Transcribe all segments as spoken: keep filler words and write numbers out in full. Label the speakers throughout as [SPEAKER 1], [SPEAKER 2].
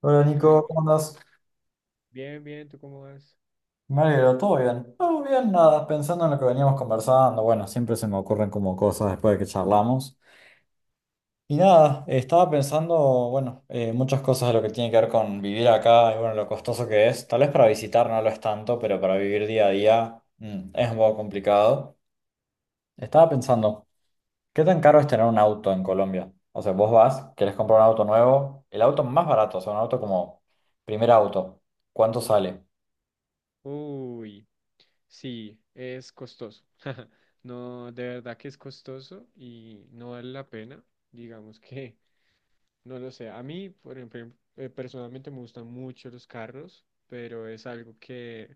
[SPEAKER 1] Hola
[SPEAKER 2] Hola,
[SPEAKER 1] Nico, ¿cómo andas?
[SPEAKER 2] bien, bien, ¿tú cómo vas?
[SPEAKER 1] Me alegro, ¿todo bien? Todo bien, nada, pensando en lo que veníamos conversando, bueno, siempre se me ocurren como cosas después de que charlamos. Y nada, estaba pensando, bueno, eh, muchas cosas de lo que tiene que ver con vivir acá y bueno, lo costoso que es. Tal vez para visitar no lo es tanto, pero para vivir día a día mm, es un poco complicado. Estaba pensando, ¿qué tan caro es tener un auto en Colombia? O sea, vos vas, querés comprar un auto nuevo, el auto más barato, o sea, un auto como primer auto, ¿cuánto sale?
[SPEAKER 2] Uy, sí, es costoso. No, de verdad que es costoso y no vale la pena. Digamos que, no lo sé. A mí, por ejemplo, eh, personalmente me gustan mucho los carros, pero es algo que,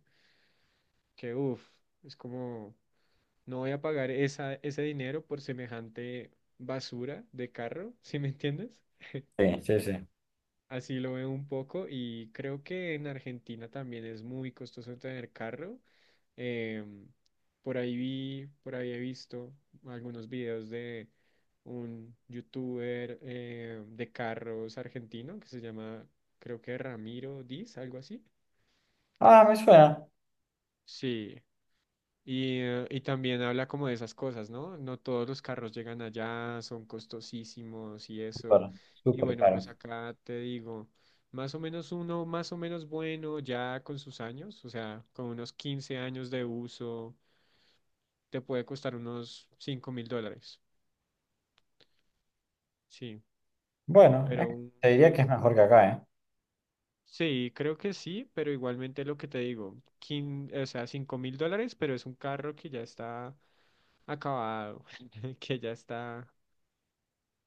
[SPEAKER 2] que uff, es como, no voy a pagar esa, ese dinero por semejante basura de carro. ¿Sí me entiendes?
[SPEAKER 1] Sí, sí, sí.
[SPEAKER 2] Así lo veo un poco, y creo que en Argentina también es muy costoso tener carro. Em, por ahí vi, por ahí he visto algunos videos de un youtuber, eh, de carros argentino que se llama, creo que, Ramiro Diz, algo así.
[SPEAKER 1] Ah, me suena.
[SPEAKER 2] Sí. Y, eh, y también habla como de esas cosas, ¿no? No todos los carros llegan allá, son costosísimos y
[SPEAKER 1] Súper,
[SPEAKER 2] eso. Y
[SPEAKER 1] súper
[SPEAKER 2] bueno,
[SPEAKER 1] caro.
[SPEAKER 2] pues acá te digo, más o menos uno, más o menos, bueno, ya con sus años, o sea, con unos quince años de uso, te puede costar unos cinco mil dólares. Sí,
[SPEAKER 1] Bueno, eh,
[SPEAKER 2] pero un,
[SPEAKER 1] te diría que es
[SPEAKER 2] un-
[SPEAKER 1] mejor que acá, ¿eh?
[SPEAKER 2] sí, creo que sí, pero igualmente lo que te digo, quin- o sea, cinco mil dólares, pero es un carro que ya está acabado, que ya está...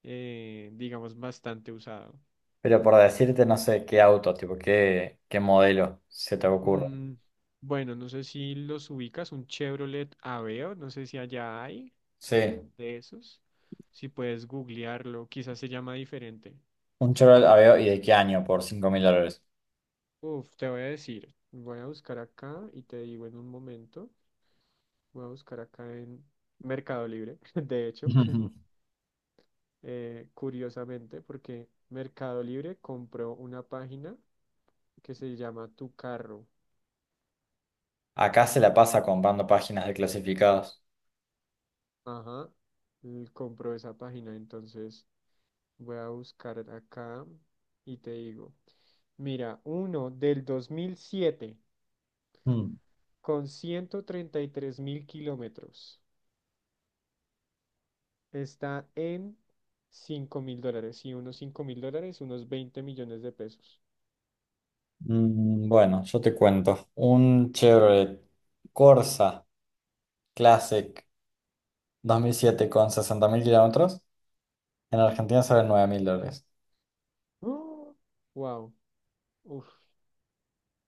[SPEAKER 2] eh, digamos, bastante usado.
[SPEAKER 1] Pero por decirte, no sé qué auto, tipo, qué, qué modelo se te ocurre.
[SPEAKER 2] Mm, bueno, no sé si los ubicas, un Chevrolet Aveo, no sé si allá hay
[SPEAKER 1] Sí,
[SPEAKER 2] de esos. Si puedes googlearlo, quizás se llama diferente.
[SPEAKER 1] un Chevrolet Aveo y de qué año por cinco mil dólares.
[SPEAKER 2] Uf, te voy a decir, voy a buscar acá y te digo en un momento, voy a buscar acá en Mercado Libre, de hecho. Eh, curiosamente, porque Mercado Libre compró una página que se llama Tu Carro.
[SPEAKER 1] Acá se la pasa comprando páginas de clasificados.
[SPEAKER 2] Ajá, l- compró esa página, entonces... Voy a buscar acá y te digo. Mira, uno del dos mil siete
[SPEAKER 1] Mm.
[SPEAKER 2] con ciento treinta y tres mil kilómetros. Está en cinco mil dólares. Y unos cinco mil dólares, unos veinte millones de pesos.
[SPEAKER 1] Mm, bueno, yo te cuento. Un Chevrolet Corsa Classic dos mil siete con sesenta mil kilómetros, en Argentina sale nueve mil dólares.
[SPEAKER 2] ¡Oh! Wow. Uf.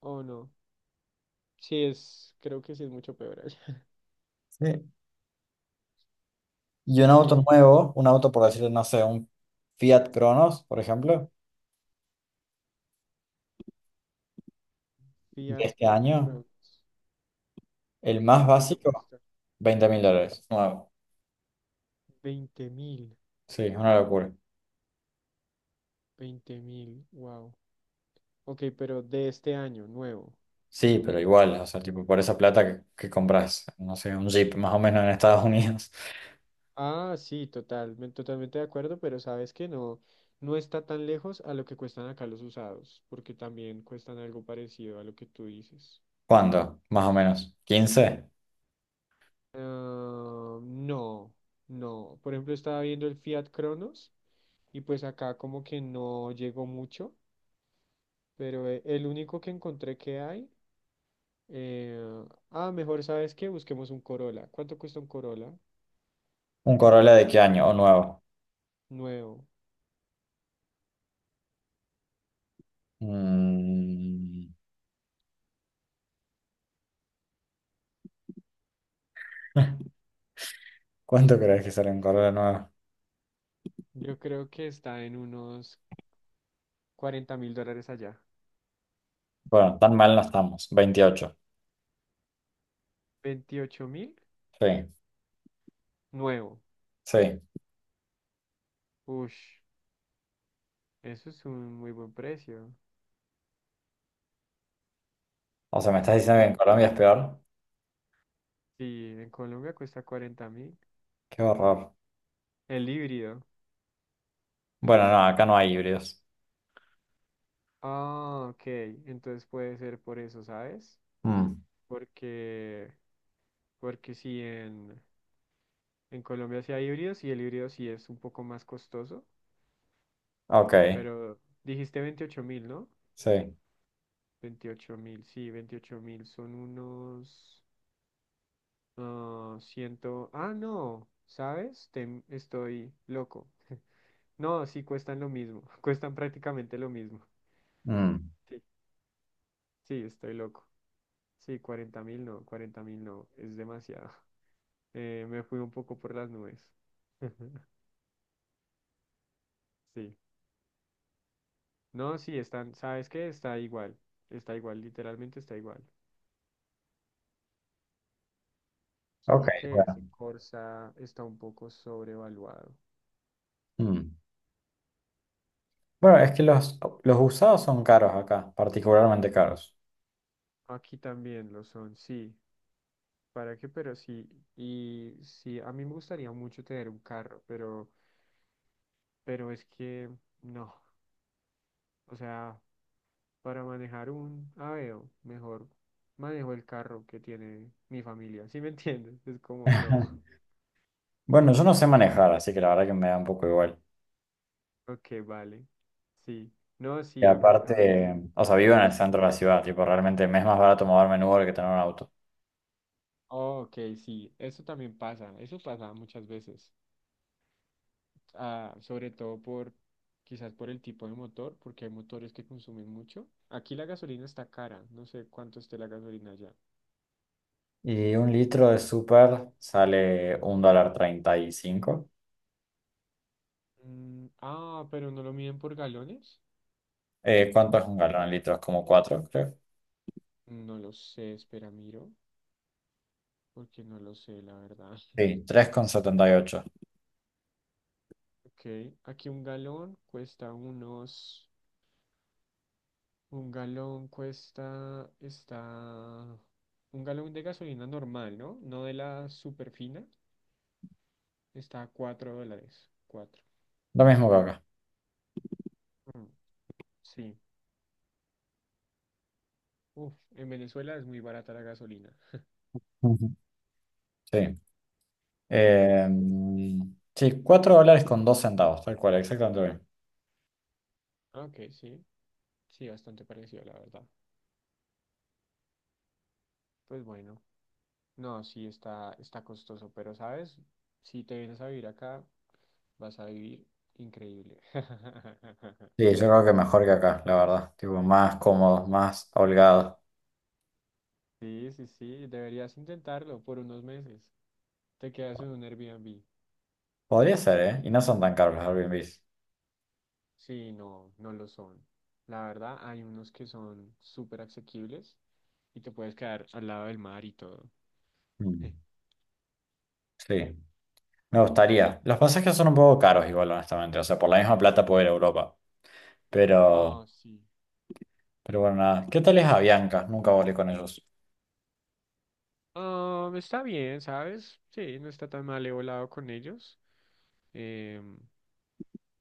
[SPEAKER 2] Oh, no. Sí, es. Creo que sí es mucho peor allá.
[SPEAKER 1] Sí. Y un
[SPEAKER 2] Sí.
[SPEAKER 1] auto nuevo, un auto por decirlo, no sé, un Fiat Cronos, por ejemplo, de
[SPEAKER 2] Fiat
[SPEAKER 1] este año,
[SPEAKER 2] Cronos.
[SPEAKER 1] el más
[SPEAKER 2] ¿Cuánto
[SPEAKER 1] básico,
[SPEAKER 2] cuesta?
[SPEAKER 1] veinte mil dólares, nuevo.
[SPEAKER 2] Veinte mil.
[SPEAKER 1] Sí, es una locura.
[SPEAKER 2] Veinte mil. Wow. Ok, pero de este año, nuevo.
[SPEAKER 1] Sí, pero igual, o sea, tipo, por esa plata que, que compras, no sé, un Jeep más o menos en Estados Unidos.
[SPEAKER 2] Ah, sí, totalmente, totalmente de acuerdo, pero sabes que no, no está tan lejos a lo que cuestan acá los usados, porque también cuestan algo parecido a lo que tú dices.
[SPEAKER 1] ¿Cuánto? Más o menos. Quince.
[SPEAKER 2] Ah, no, no. Por ejemplo, estaba viendo el Fiat Cronos y pues acá como que no llegó mucho, pero eh, el único que encontré que hay, eh, ah, mejor sabes que busquemos un Corolla. ¿Cuánto cuesta un Corolla
[SPEAKER 1] ¿Un Corolla de qué año? ¿O nuevo?
[SPEAKER 2] nuevo?
[SPEAKER 1] Mm, ¿Cuánto crees que sale un Corolla nuevo?
[SPEAKER 2] Yo creo que está en unos cuarenta mil dólares allá.
[SPEAKER 1] Bueno, tan mal no estamos, veintiocho.
[SPEAKER 2] ¿Veintiocho mil?
[SPEAKER 1] Sí,
[SPEAKER 2] Nuevo.
[SPEAKER 1] sí.
[SPEAKER 2] Ush, eso es un muy buen precio.
[SPEAKER 1] O sea, ¿me estás diciendo que
[SPEAKER 2] Sí.
[SPEAKER 1] en Colombia es peor?
[SPEAKER 2] Sí, en Colombia cuesta cuarenta mil.
[SPEAKER 1] Qué horror.
[SPEAKER 2] El híbrido.
[SPEAKER 1] Bueno, no, acá no hay híbridos.
[SPEAKER 2] Ah, ok. Entonces puede ser por eso, ¿sabes?
[SPEAKER 1] Mm,
[SPEAKER 2] Porque, porque sí, en, en Colombia sí hay híbridos y el híbrido sí es un poco más costoso.
[SPEAKER 1] ok,
[SPEAKER 2] Pero dijiste veintiocho mil, ¿no?
[SPEAKER 1] sí.
[SPEAKER 2] Veintiocho mil, sí, veintiocho mil son unos, ah, ciento... Ah, no, ¿sabes? Te- estoy loco. No, sí cuestan lo mismo, cuestan prácticamente lo mismo.
[SPEAKER 1] Mm,
[SPEAKER 2] Sí, sí, estoy loco. Sí, cuarenta mil no, cuarenta mil no, es demasiado. Eh, me fui un poco por las nubes. Sí, no, sí, están, ¿sabes qué? Está igual, está igual, literalmente está igual.
[SPEAKER 1] ok,
[SPEAKER 2] Solo que ese
[SPEAKER 1] bueno.
[SPEAKER 2] Corsa está un poco sobrevaluado.
[SPEAKER 1] Mm. Bueno, es que los, los usados son caros acá, particularmente caros.
[SPEAKER 2] Aquí también lo son, sí. ¿Para qué? Pero sí, y sí, a mí me gustaría mucho tener un carro, pero, pero es que no, o sea. Para manejar un Aveo, mejor manejo el carro que tiene mi familia. ¿Sí me entiendes? Es como, no.
[SPEAKER 1] Bueno, yo no sé manejar, así que la verdad que me da un poco igual.
[SPEAKER 2] Ok, vale. Sí. No,
[SPEAKER 1] Y
[SPEAKER 2] sí, a mí, a mí me,
[SPEAKER 1] aparte, o sea,
[SPEAKER 2] me
[SPEAKER 1] vivo en el
[SPEAKER 2] gusta.
[SPEAKER 1] centro de la ciudad, tipo, realmente me es más barato moverme en Uber que tener un auto.
[SPEAKER 2] Oh, ok, sí. Eso también pasa. Eso pasa muchas veces. Ah, sobre todo por, quizás por el tipo de motor, porque hay motores que consumen mucho. Aquí la gasolina está cara. No sé cuánto esté la gasolina allá.
[SPEAKER 1] Y un litro de súper sale un dólar treinta y cinco.
[SPEAKER 2] Mm, ah, pero no lo miden por galones.
[SPEAKER 1] Eh, ¿cuánto es un galón de litros? Como cuatro, creo.
[SPEAKER 2] No lo sé, espera, miro, porque no lo sé, la verdad.
[SPEAKER 1] Sí, tres con setenta y ocho.
[SPEAKER 2] Ok, aquí un galón cuesta unos, un galón cuesta, está, un galón de gasolina normal, ¿no? No de la super fina, está a cuatro dólares, cuatro.
[SPEAKER 1] Lo mismo que acá.
[SPEAKER 2] Mm, sí. Uf, en Venezuela es muy barata la gasolina.
[SPEAKER 1] Ujú. Sí. Eh, sí, cuatro dólares con dos centavos, tal cual, exactamente lo mismo.
[SPEAKER 2] Ah, ok, sí, sí, bastante parecido, la verdad. Pues bueno, no, sí está, está costoso, pero sabes, si te vienes a vivir acá, vas a vivir increíble.
[SPEAKER 1] Sí, yo creo que mejor que acá, la verdad. Tipo, más cómodos, más holgados.
[SPEAKER 2] Sí, sí, sí, deberías intentarlo por unos meses. Te quedas en un Airbnb.
[SPEAKER 1] Podría ser, ¿eh? Y no son tan caros los Airbnbs.
[SPEAKER 2] Sí, no, no lo son. La verdad, hay unos que son súper asequibles y te puedes quedar al lado del mar y todo.
[SPEAKER 1] Mm, sí, me gustaría. Los pasajes son un poco caros igual, honestamente. O sea, por la misma plata puedo ir a Europa. Pero,
[SPEAKER 2] Ah, sí.
[SPEAKER 1] pero bueno, nada. ¿Qué tal es Avianca? Nunca volé con ellos.
[SPEAKER 2] Ah, está bien, ¿sabes? Sí, no está tan mal, he volado con ellos. Em,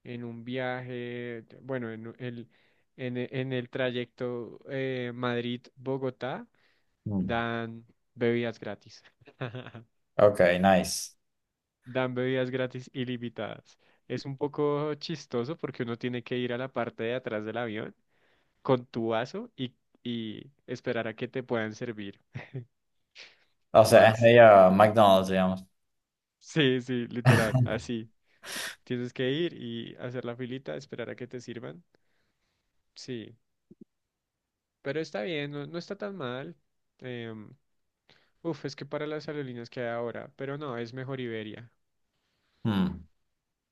[SPEAKER 2] en un viaje, t- bueno, en u- el, en, e- en el trayecto, eh, Madrid-Bogotá,
[SPEAKER 1] Mm,
[SPEAKER 2] dan bebidas gratis.
[SPEAKER 1] ok, nice.
[SPEAKER 2] Dan bebidas gratis ilimitadas. Es un poco chistoso porque uno tiene que ir a la parte de atrás del avión con tu vaso, y, y esperar a que te puedan servir
[SPEAKER 1] O sea, es
[SPEAKER 2] más.
[SPEAKER 1] medio McDonald's, digamos.
[SPEAKER 2] Sí, sí, literal, así. Tienes que ir y hacer la filita, esperar a que te sirvan. Sí, pero está bien, no, no está tan mal. Em, Uf, es que para las aerolíneas que hay ahora, pero no, es mejor Iberia,
[SPEAKER 1] Mm.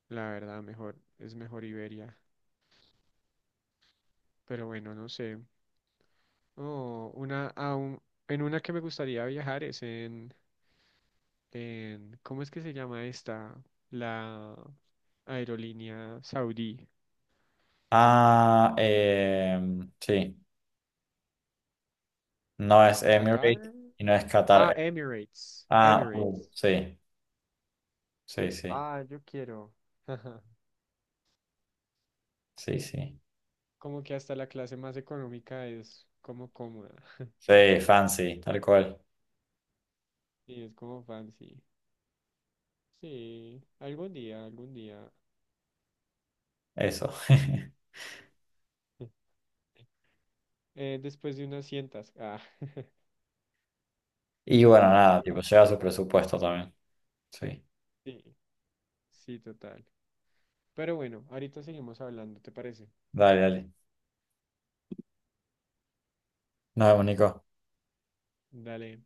[SPEAKER 2] la verdad, mejor, es mejor Iberia. Pero bueno, no sé. Oh, una, a un- en una que me gustaría viajar es en, en, ¿cómo es que se llama esta? La aerolínea saudí.
[SPEAKER 1] Ah, eh, sí. No es Emirates
[SPEAKER 2] ¿Qatar?
[SPEAKER 1] y no es Qatar.
[SPEAKER 2] Ah,
[SPEAKER 1] Air.
[SPEAKER 2] Emirates.
[SPEAKER 1] Ah, uh,
[SPEAKER 2] Emirates.
[SPEAKER 1] sí, sí, sí,
[SPEAKER 2] Ah, yo quiero. Ajá.
[SPEAKER 1] sí, sí.
[SPEAKER 2] Como que hasta la clase más económica es como cómoda.
[SPEAKER 1] Sí, fancy, tal cual.
[SPEAKER 2] Y es como fancy. Sí, algún día, algún día.
[SPEAKER 1] Eso.
[SPEAKER 2] Eh, después de unas cientas. Ah,
[SPEAKER 1] Y bueno, nada,
[SPEAKER 2] después-
[SPEAKER 1] tipo, lleva su presupuesto también. Sí.
[SPEAKER 2] sí, sí, total. Pero bueno, ahorita seguimos hablando, ¿te parece?
[SPEAKER 1] Dale, dale. Nos vemos, Nico.
[SPEAKER 2] Dale.